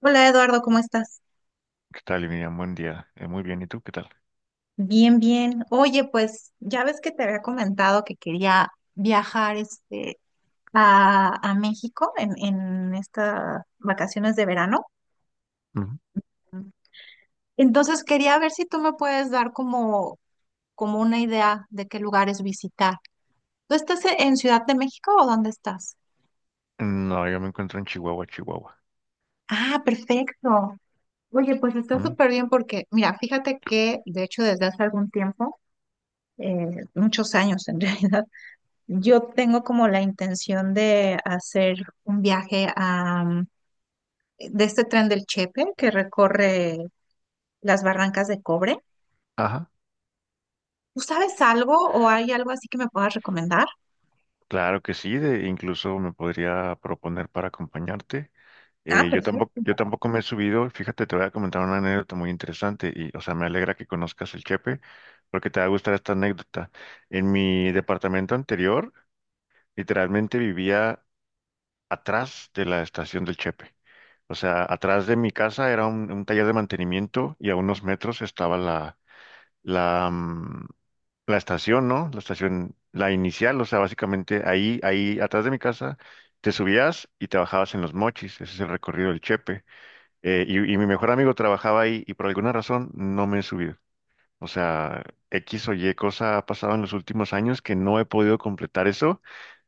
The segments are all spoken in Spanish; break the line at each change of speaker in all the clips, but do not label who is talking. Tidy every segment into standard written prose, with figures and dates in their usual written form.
Hola Eduardo, ¿cómo estás?
¿Qué tal, Miriam? Buen día. Muy bien, ¿y tú qué tal?
Bien, bien. Oye, pues ya ves que te había comentado que quería viajar a México en estas vacaciones de verano.
Ujú.
Entonces quería ver si tú me puedes dar como una idea de qué lugares visitar. ¿Tú estás en Ciudad de México o dónde estás?
No, yo me encuentro en Chihuahua, Chihuahua.
Ah, perfecto. Oye, pues está
Mm.
súper bien porque, mira, fíjate que de hecho desde hace algún tiempo, muchos años en realidad, yo tengo como la intención de hacer un viaje de este tren del Chepe que recorre las barrancas de cobre.
Ajá.
¿Tú sabes algo o hay algo así que me puedas recomendar?
Claro que sí, de, incluso me podría proponer para acompañarte.
Ah,
Yo tampoco,
perfecto.
yo tampoco me he subido. Fíjate, te voy a comentar una anécdota muy interesante y, o sea, me alegra que conozcas el Chepe porque te va a gustar esta anécdota. En mi departamento anterior, literalmente vivía atrás de la estación del Chepe. O sea, atrás de mi casa era un taller de mantenimiento y a unos metros estaba la, mm, la estación, ¿no? La estación, la inicial, o sea, básicamente ahí, ahí atrás de mi casa, te subías y te bajabas en Los Mochis, ese es el recorrido del Chepe. Mi mejor amigo trabajaba ahí y por alguna razón no me he subido. O sea, X o Y cosa ha pasado en los últimos años que no he podido completar eso.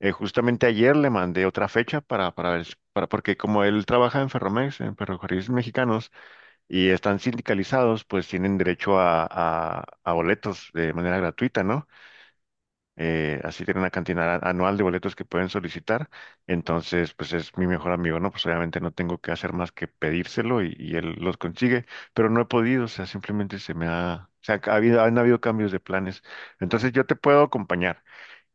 Justamente ayer le mandé otra fecha para ver, porque como él trabaja en Ferromex, en Ferrocarriles Mexicanos, y están sindicalizados, pues tienen derecho a boletos de manera gratuita, ¿no? Así tienen una cantidad anual de boletos que pueden solicitar. Entonces, pues es mi mejor amigo, ¿no? Pues obviamente no tengo que hacer más que pedírselo y él los consigue, pero no he podido, o sea, simplemente se me ha, o sea, ha habido, han habido cambios de planes. Entonces, yo te puedo acompañar.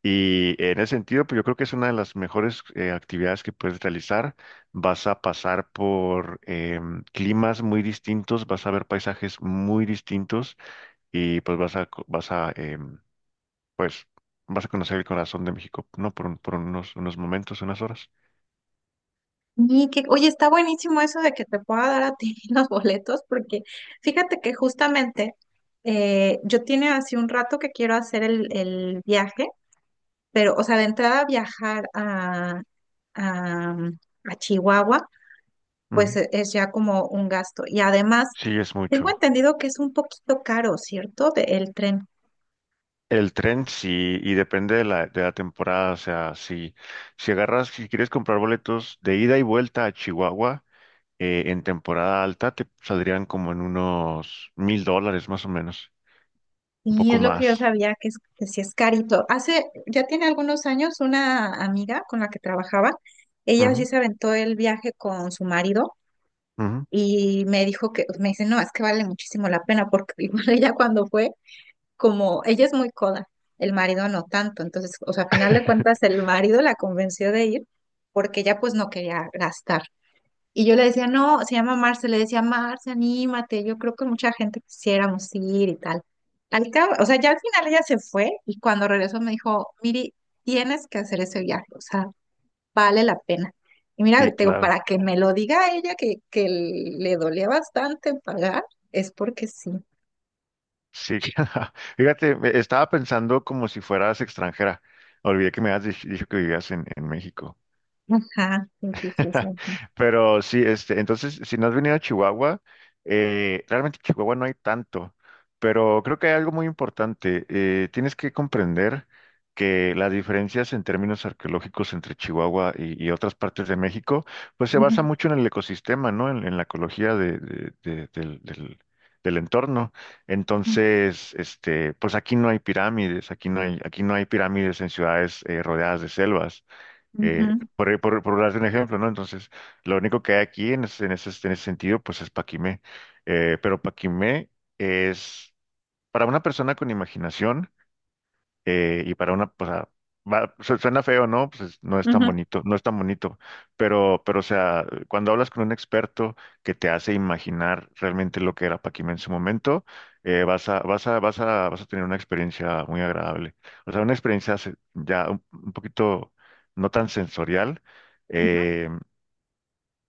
Y en ese sentido, pues yo creo que es una de las mejores actividades que puedes realizar. Vas a pasar por climas muy distintos, vas a ver paisajes muy distintos y pues vas a, pues, vas a conocer el corazón de México, ¿no? Por unos, unos momentos, unas horas.
Y que, oye, está buenísimo eso de que te pueda dar a ti los boletos, porque fíjate que justamente yo tiene hace un rato que quiero hacer el viaje, pero, o sea, de entrada viajar a, mm, a Chihuahua pues
Ujú.
es ya como un gasto. Y además,
Sí, es
tengo
mucho.
entendido que es un poquito caro, ¿cierto? El tren.
El tren sí, y depende de la temporada, o sea, si, si agarras, si quieres comprar boletos de ida y vuelta a Chihuahua, en temporada alta te saldrían como en unos $1000 más o menos, un
Y
poco
es lo que
más.
yo sabía, que, es, que sí es carito. Hace, ya tiene algunos años, una amiga con la que trabajaba, ella sí
Ujú,
se aventó el viaje con su marido
ujú.
y me dijo que, me dice, no, es que vale muchísimo la pena porque igual ella cuando fue, como, ella es muy coda, el marido no tanto. Entonces, o sea, a final de cuentas, el marido la convenció de ir porque ella pues no quería gastar. Y yo le decía, no, se llama Marce, le decía, Marce, anímate, yo creo que mucha gente quisiéramos ir y tal. Al cabo, o sea, ya al final ella se fue y cuando regresó me dijo, Miri, tienes que hacer ese viaje, o sea, vale la pena. Y mira,
Sí,
te digo,
claro.
para que me lo diga ella que le dolía bastante pagar, es porque sí.
Sí, fíjate, estaba pensando como si fueras extranjera. Olvidé que me habías dicho que vivías en México.
Ajá, sí, sí, sí, sí.
Pero sí, este, entonces, si no has venido a Chihuahua, realmente en Chihuahua no hay tanto, pero creo que hay algo muy importante. Tienes que comprender que las diferencias en términos arqueológicos entre Chihuahua y otras partes de México, pues se
Ujú,
basa mucho en el ecosistema, ¿no? En la ecología del entorno. Entonces, este, pues aquí no hay pirámides, aquí no hay pirámides en ciudades rodeadas de selvas
ujú,
por darte un ejemplo, ¿no? Entonces, lo único que hay aquí en ese, en ese, en ese sentido, pues es Paquimé. Pero Paquimé es, para una persona con imaginación, y para una, pues, suena feo, ¿no? Pues no es tan
ujú,
bonito, no es tan bonito, pero, o sea, cuando hablas con un experto que te hace imaginar realmente lo que era Paquim en su momento, vas a tener una experiencia muy agradable. O sea, una experiencia ya un poquito no tan sensorial,
ujú,
eh,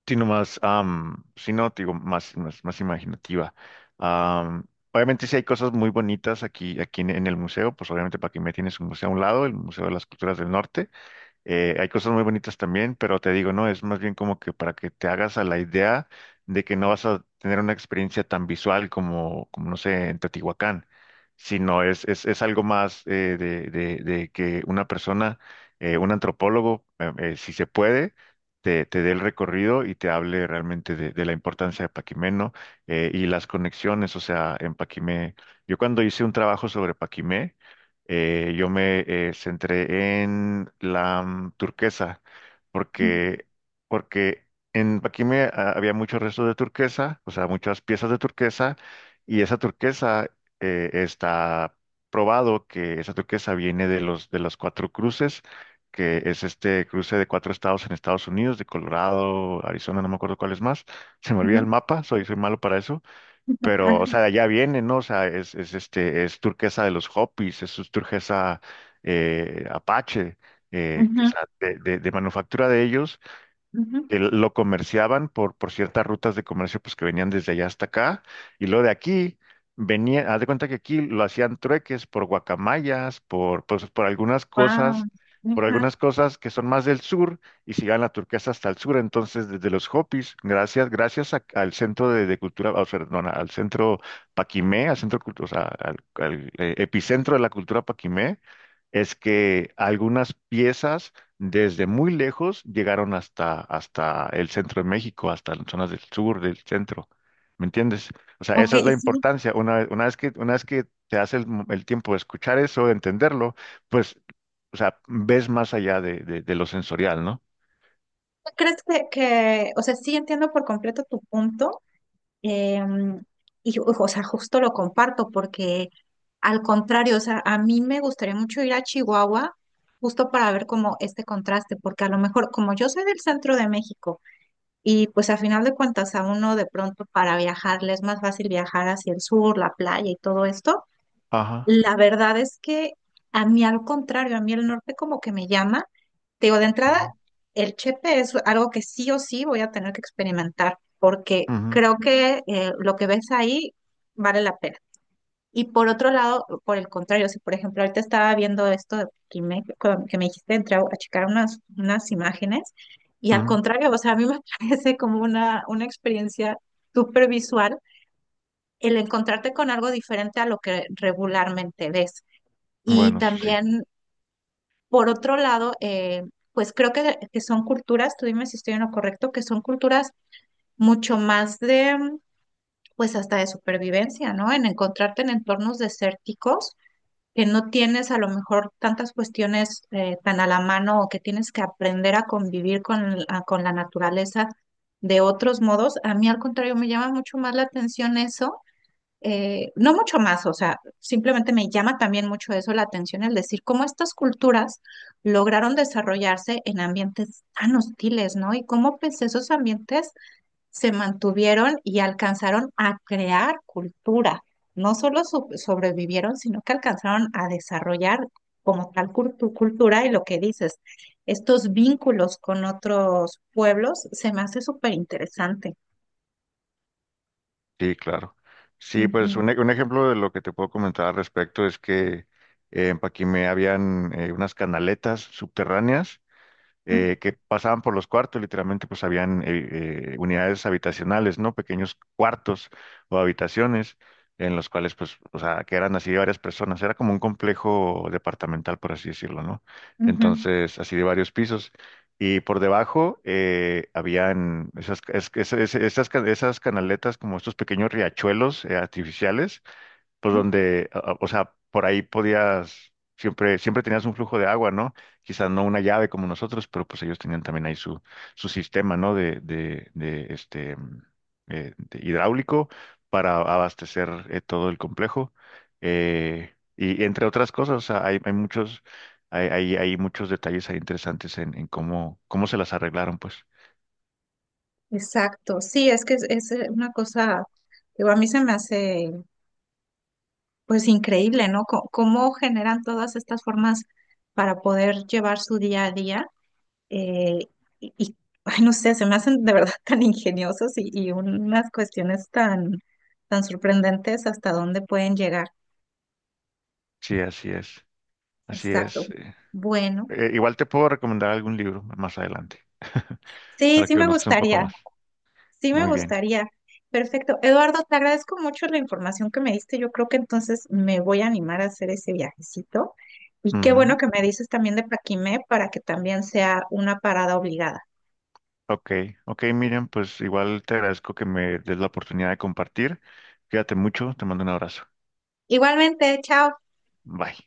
sino más, sino, te digo, más, más, más imaginativa. Am, obviamente sí hay cosas muy bonitas aquí, aquí en el museo, pues obviamente para que me tienes un museo a un lado, el Museo de las Culturas del Norte. Hay cosas muy bonitas también, pero te digo, no, es más bien como que para que te hagas a la idea de que no vas a tener una experiencia tan visual como, como no sé, en Teotihuacán, sino es algo más de que una persona, un antropólogo, si se puede, te dé el recorrido y te hable realmente de la importancia de Paquimé, ¿no? Y las conexiones, o sea, en Paquimé. Yo cuando hice un trabajo sobre Paquimé, yo me centré en la turquesa porque, porque en aquí me había muchos restos de turquesa, o sea, muchas piezas de turquesa y esa turquesa está probado que esa turquesa viene de los cuatro cruces, que es este cruce de cuatro estados en Estados Unidos, de Colorado, Arizona, no me acuerdo cuál es más. Se me
ujú,
olvida el
ujú,
mapa, soy malo para eso pero, o
ujú,
sea, de allá viene, ¿no? O sea, es este, es turquesa de los Hopis, es su turquesa Apache, que, o
ujú,
sea, de manufactura de ellos,
ujú.
que lo comerciaban por ciertas rutas de comercio pues que venían desde allá hasta acá y luego de aquí venía, haz de cuenta que aquí lo hacían trueques por guacamayas, por pues,
Guau,
por
ajá.
algunas cosas que son más del sur y se llevan la turquesa hasta el sur, entonces desde los Hopis, gracias al centro de cultura, o sea, perdona, al centro Paquimé, al centro o sea, al, al, epicentro de la cultura Paquimé es que algunas piezas desde muy lejos llegaron hasta, hasta el centro de México, hasta las zonas del sur, del centro. ¿Me entiendes? O sea,
Ok,
esa es la
sí.
importancia. Una vez que te hace el, el tiempo de escuchar eso, de entenderlo, pues, o sea, ves más allá de, de lo sensorial, ¿no?
Crees o sea, sí entiendo por completo tu punto, em, y, o sea, justo lo comparto porque al contrario, o sea, a mí me gustaría mucho ir a Chihuahua justo para ver como este contraste, porque a lo mejor, como yo soy del centro de México, y pues a final de cuentas a uno de pronto para viajar le es más fácil viajar hacia el sur, la playa y todo esto,
Ajá.
la verdad es que a mí al contrario, a mí el norte como que me llama. Te digo, de entrada,
Ujú,
el Chepe es algo que sí o sí voy a tener que experimentar, porque
ujú,
creo que lo que ves ahí vale la pena. Y por otro lado, por el contrario, si por ejemplo ahorita estaba viendo esto de Quimé, que me dijiste, entré a checar unas imágenes, y al
ujú.
contrario, o sea, a mí me parece como una experiencia súper visual el encontrarte con algo diferente a lo que regularmente ves. Y
Bueno, eso sí.
también, por otro lado, pues creo que son culturas, tú dime si estoy en lo correcto, que son culturas mucho más pues hasta de supervivencia, ¿no? En encontrarte en entornos desérticos, que no tienes a lo mejor tantas cuestiones tan a la mano o que tienes que aprender a convivir con, con la naturaleza de otros modos. A mí, al contrario, me llama mucho más la atención eso no mucho más, o sea, simplemente me llama también mucho eso la atención, el decir cómo estas culturas lograron desarrollarse en ambientes tan hostiles, ¿no? Y cómo pues esos ambientes se mantuvieron y alcanzaron a crear cultura. No solo sobrevivieron, sino que alcanzaron a desarrollar como tal cultura y lo que dices, estos vínculos con otros pueblos, se me hace súper interesante.
Sí, claro. Sí, pues un, un ejemplo de lo que te puedo comentar al respecto es que en Paquimé habían unas canaletas subterráneas
Ujú,
que pasaban por los cuartos, literalmente pues habían unidades habitacionales, ¿no? Pequeños cuartos o habitaciones en los cuales pues, o sea, que eran así de varias personas, era como un complejo departamental, por así decirlo, ¿no?
ujú,
Entonces, así de varios pisos. Y por debajo habían esas, esas, esas canaletas, como estos pequeños riachuelos artificiales, pues
ujú.
donde, o sea, por ahí podías, siempre, siempre tenías un flujo de agua, ¿no? Quizás no una llave como nosotros, pero pues ellos tenían también ahí su, su sistema, ¿no? De este, de hidráulico para abastecer todo el complejo. Y entre otras cosas, o sea, hay muchos, hay muchos detalles ahí interesantes en cómo, cómo se las arreglaron, pues.
Exacto, sí, es que es una cosa, digo, a mí se me hace pues increíble, ¿no? Cómo, generan todas estas formas para poder llevar su día a día eh, y, y, ay, no sé, se me hacen de verdad tan ingeniosos y unas cuestiones tan, tan sorprendentes hasta dónde pueden llegar.
Sí, así es, así
Exacto.
es.
Bueno,
Igual te puedo recomendar algún libro más adelante.
sí,
Para
sí
que
me
conozcas un poco
gustaría.
más.
Sí, me
Muy bien.
gustaría. Perfecto. Eduardo, te agradezco mucho la información que me diste. Yo creo que entonces me voy a animar a hacer ese viajecito. Y qué bueno
Ujú.
que me dices también de Paquimé para que también sea una parada obligada.
Ok, ok, Miriam, pues igual te agradezco que me des la oportunidad de compartir. Cuídate mucho, te mando un abrazo.
Igualmente, chao.
Bye.